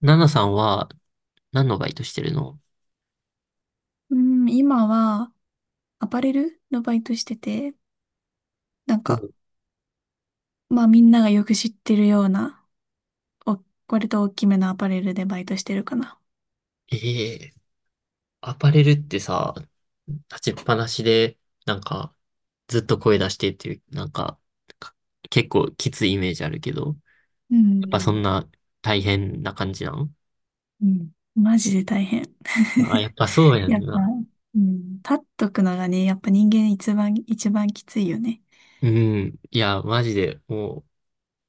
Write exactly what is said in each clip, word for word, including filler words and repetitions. ナナさんは何のバイトしてるの？うん、今はアパレルのバイトしてて、なんか、お。まあみんながよく知ってるような、お、割と大きめのアパレルでバイトしてるかな。ええ。アパレルってさ、立ちっぱなしで、なんか、ずっと声出してっていう、なんか、か結構きついイメージあるけど、やっうぱそんん、な大変な感じなの？うん、マジで大変。あ、やっ ぱそうやんやっぱ、な。うん、立っとくのがね、やっぱ人間一番、一番きついよね。うん。いや、マジで、も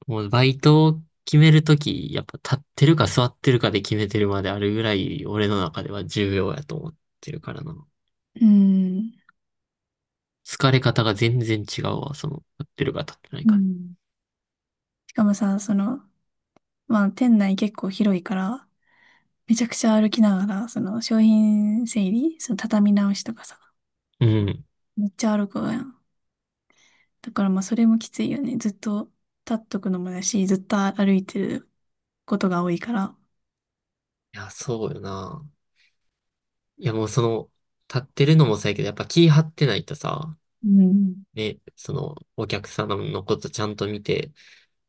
う、もうバイトを決めるとき、やっぱ立ってるか座ってるかで決めてるまであるぐらい、俺の中では重要やと思ってるからな。うん、疲れ方が全然違うわ、その、立ってるか立ってないうか。ん。しかもさ、その、まあ店内結構広いから、めちゃくちゃ歩きながら、その商品整理、その畳み直しとかさ、うん。いめっちゃ歩くわやん。だからまあそれもきついよね。ずっと立っとくのもだし、ずっと歩いてることが多いから。や、そうよな。いや、もうその、立ってるのもそうやけど、やっぱ気張ってないとさ、うん。ね、その、お客様のことちゃんと見て、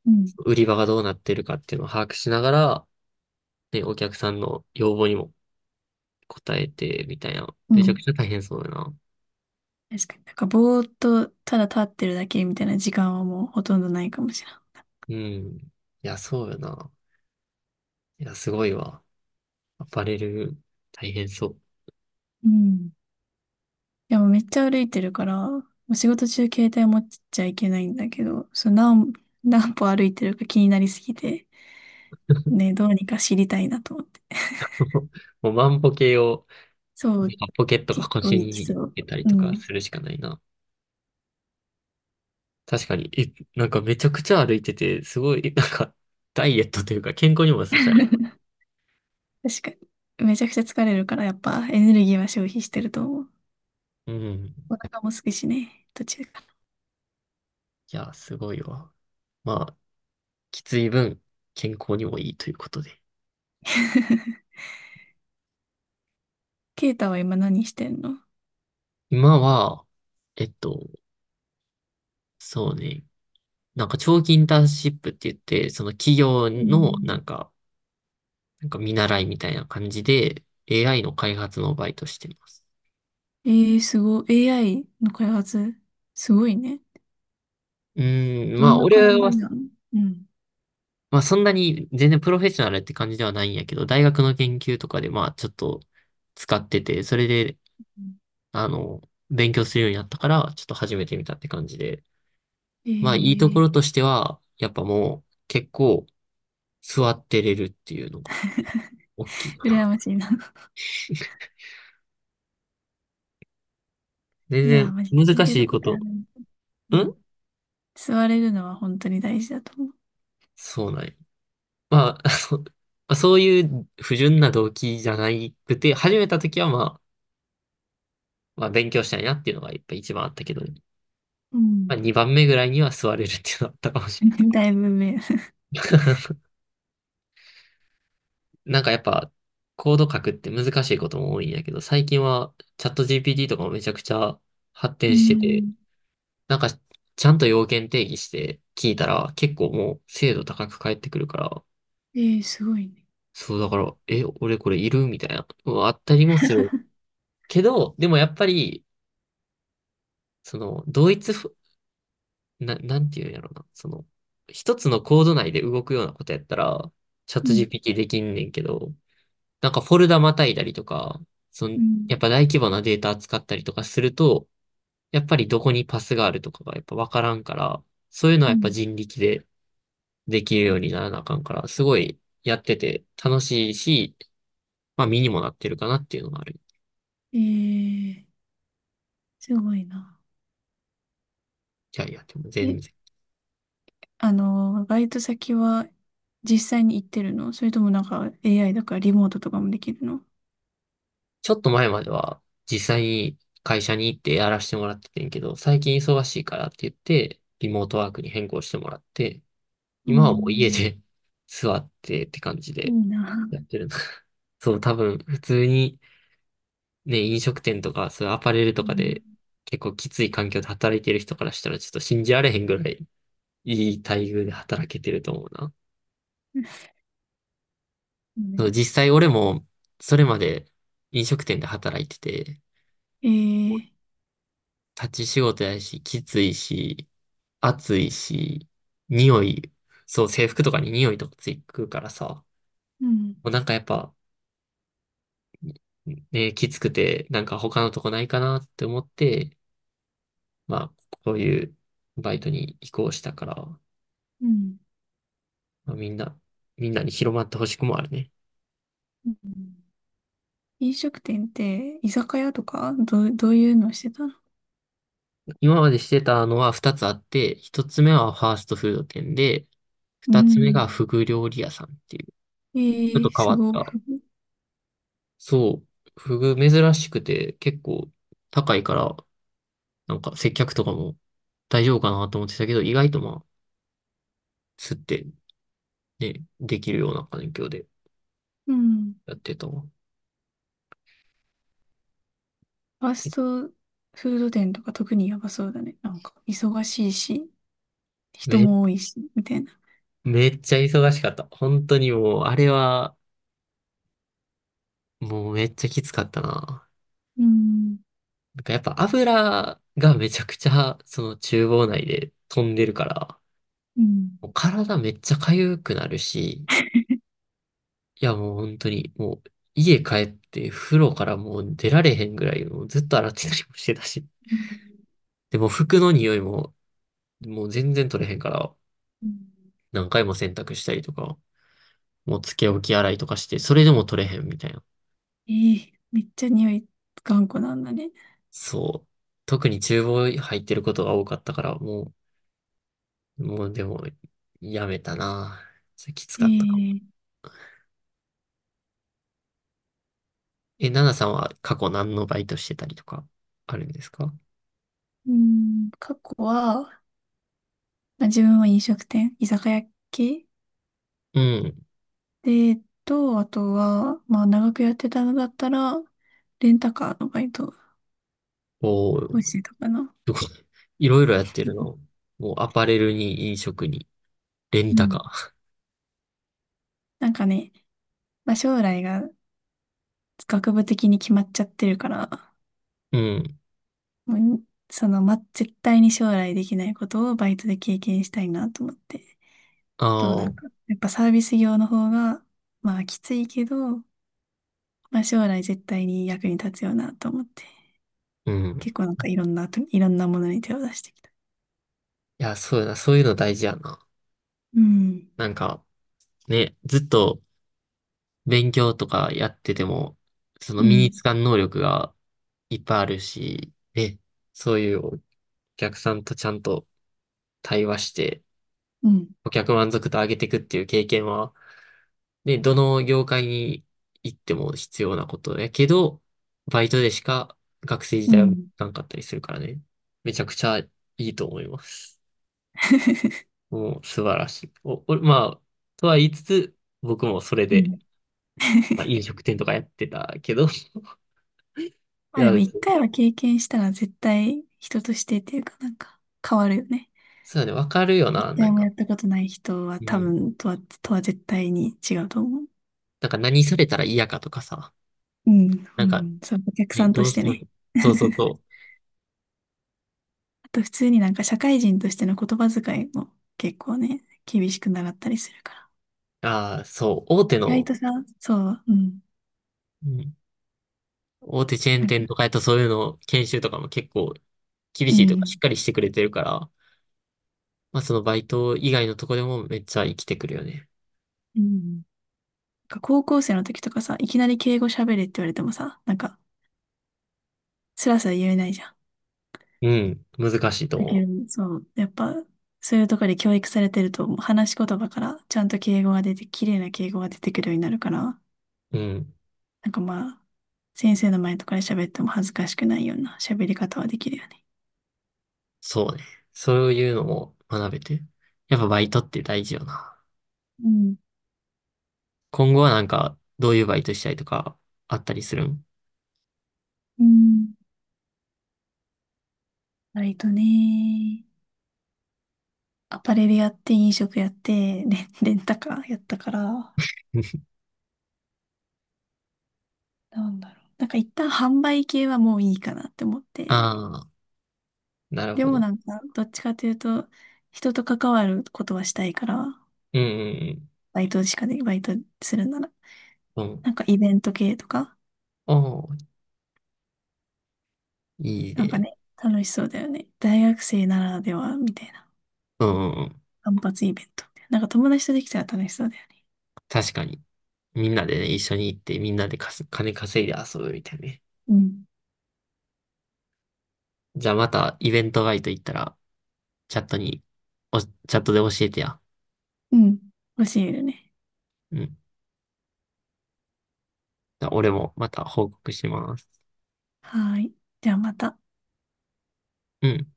うん。売り場がどうなってるかっていうのを把握しながら、ね、お客さんの要望にも応えて、みたいな。うめちゃくん。ちゃ大変そうよな。確かに。なんかぼーっとただ立ってるだけみたいな時間はもうほとんどないかもしれない。うん。いや、そうよな。いや、すごいわ。アパレル、大変そう。うん、いやもうめっちゃ歩いてるから、もう仕事中携帯持っちゃいけないんだけど、その何、何歩歩いてるか気になりすぎて、ね、どうにか知りたいなと思って。もう万歩計をそう、ポケットが結構腰行にき入そう。れたりうとん。かするしかないな。確かに、え、なんかめちゃくちゃ歩いてて、すごい、なんか、ダイエットというか健康にも良さそうやな。確かに。めちゃくちゃ疲れるから、やっぱエネルギーは消費してると思う。うん。いお腹も空くしね、途中から。や、すごいわ。まあ、きつい分、健康にもいいということで。ケイタは今何してんの？今は、えっと、そうね。なんか長期インターンシップって言って、その企業うのなん、んか、なんか見習いみたいな感じで エーアイ の開発のバイトしてます。えー、すごい。エーアイ の開発、すごいね。うーん、どまんあな俺感は、じなの？うん。まあそんなに全然プロフェッショナルって感じではないんやけど、大学の研究とかでまあちょっと使ってて、それで、うん、あの、勉強するようになったから、ちょっと始めてみたって感じで。えまあいいとこー、ろとしては、やっぱもう結構座ってれるっていうのが大きいか羨な。ましいな。全いやー、然マジ、座難れしるいこことはと。ない。ううん。ん。座れるのは本当に大事だと思う。そうなんや。まあ、あのまあそういう不純な動機じゃなくて、始めた時はまあ、まあ勉強したいなっていうのがやっぱ一番あったけどね、うまあ、ん。 にばんめぐらいには座れるっていうのあったかもしれ だいぶ目。ない。なんかやっぱ、コード書くって難しいことも多いんやけど、最近はチャット ジーピーティー とかもめちゃくちゃ発う展してて、ん。なんかちゃんと要件定義して聞いたら結構もう精度高く返ってくるから、えー、すごいね。そうだから、え、俺これいるみたいな、うんあったりもする。けど、でもやっぱり、その、同一ふ、な、なんていうんやろな、その、一つのコード内で動くようなことやったら、チャッうト ん。ジーピーティー できんねんけど、なんかフォルダまたいだりとか、その、うやっんぱ大規模なデータ扱ったりとかすると、やっぱりどこにパスがあるとかがやっぱわからんから、そういうのはうんやっぱう人力でできるようにならなあかんから、すごいやってて楽しいし、まあ身にもなってるかなっていうのがある。ん。えー、すごいな。キャリアっても全え、然。あの、バイト先は実際に行ってるの、それともなんか エーアイ だからリモートとかもできるの？うちょっと前までは実際に会社に行ってやらせてもらっててんけど、最近忙しいからって言って、リモートワークに変更してもらって、ー今はもう家ん、で 座ってって感じいいで、な。やってるな。そう、多分、普通に、ね、飲食店とか、そういうアパレルとうかで、ん。結構きつい環境で働いてる人からしたら、ちょっと信じられへんぐらい、いい待遇で働けてると思うな。ねそう、実際俺も、それまで飲食店で働いてて、えー、立ち仕事やし、きついし、暑いし、匂い、そう、制服とかに匂いとかついくからさ、うん、もうなんかやっぱ、ね、きつくて、なんか他のとこないかなって思って、まあ、こういうバイトに移行したから、うん。まあ、みんな、みんなに広まってほしくもあるね。うん。飲食店って居酒屋とかどう、どういうのしてたの？今までしてたのはふたつあって、ひとつめはファーストフード店で、うふたつめん。がフグ料理屋さんっていう、ちえょっとー、変すわっごい。た。そう、フグ珍しくて結構高いから、なんか接客とかも大丈夫かなと思ってたけど、意外とまあ、吸ってね、できるような環境でうん。やってたわ。ファスえトフード店とか特にやばそうだね。なんか忙しいし、人め、も多いし、みたいな。めっちゃ忙しかった。本当にもう、あれは、もうめっちゃきつかったな。うんなんかやっぱ油がめちゃくちゃその厨房内で飛んでるから、うんもう体めっちゃ痒くなるし、いやもう本当にもう家帰って風呂からもう出られへんぐらいもうずっと洗ってたりもしてたし。うんでも服の匂いももう全然取れへんからうん、何回も洗濯したりとか、もうつけ置き洗いとかしてそれでも取れへんみたいな。えー、めっちゃ匂い頑固なんだね。そう。特に厨房入ってることが多かったからもうもうでも、やめたな。それきつえかったかも。ー、え、ナナさんは過去何のバイトしてたりとか、あるんですか？うん、過去は、まあ、自分は飲食店、居酒屋系うん。で、えっと、あとは、まあ、長くやってたのだったら、レンタカーのバイトおお、すをごしい。てたかな。いろいろやってるの。もうアパレルに飲食に、レンうタカん。なんかね、まあ、将来が学部的に決まっちゃってるから、ー。うん。もうその、ま、絶対に将来できないことをバイトで経験したいなと思って。と、あなんか、あ、やっぱサービス業の方が、まあ、きついけど、まあ、将来絶対に役に立つよなと思って、うん。結構なんかいろんなと、いろんなものに手を出してきた。いや、そうやな。そういうの大事やな。うん、なんか、ね、ずっと勉強とかやってても、そのう身につん、かん能力がいっぱいあるし、ね、そういうお客さんとちゃんと対話して、うん、顧客満足度上げていくっていう経験は、ね、どの業界に行っても必要なことやけど、バイトでしか学生時うん。代はうん。 なかったりするからね。めちゃくちゃいいと思います。もう素晴らしい。お、お、まあ、とは言いつつ、僕もそれで、まあ、飲食店とかやってたけど、いまあや、でも一回は経験したら絶対人としてっていうかなんか変わるよね。そうだね、わかるよな、一な回んもか。やったことない人はう多ん。分とは、とは絶対に違うと思う。なんか何されたら嫌かとかさ。うん、うなんか、ん、そう、お客さね、んとどうししてても、ね。そうそう そあと普通になんか社会人としての言葉遣いも結構ね、厳しく習ったりするかう。ああ、そう、大手ら。意外のとさ、そう、うん。大手チェーンなんか、店とかやとそういうの研修とかも結構厳うしいとかしっん。かりしてくれてるから、まあそのバイト以外のとこでもめっちゃ生きてくるよね。うん。なんか高校生の時とかさ、いきなり敬語喋れって言われてもさ、なんか、スラスラ言えないじゃん。うん、難しいとだけ思ど、そう、やっぱ、そういうところで教育されてると、話し言葉からちゃんと敬語が出て、綺麗な敬語が出てくるようになるから、う。うん、なんかまあ、先生の前とかで喋っても恥ずかしくないような喋り方はできるよね。そうね。そういうのも学べて。やっぱバイトって大事よな。うん。今後はなんかどういうバイトしたいとかあったりするん？ うん。割とね。アパレルやって、飲食やって、レン、レンタカーやったから、なんだろう。なんか一旦販売系はもういいかなって思って。ああ、なるでほもど。なんか、どっちかというと、人と関わることはしたいから、うんバイトしかで、バイトするなら。うんうん。うん。なんかイベント系とか、おー、いいなんかね。ね、楽しそうだよね。大学生ならでは、みたいな。うんうんうん。単発イベントみたいな。なんか友達とできたら楽しそうだよね。確かに。みんなでね、一緒に行ってみんなでかす金稼いで遊ぶみたいなね。うん。じゃあまたイベントバイト行ったら、チャットに、お、チャットで教えてや。うん。欲しいよね。うん。じゃあ俺もまた報告します。はーい。じゃあまた。うん。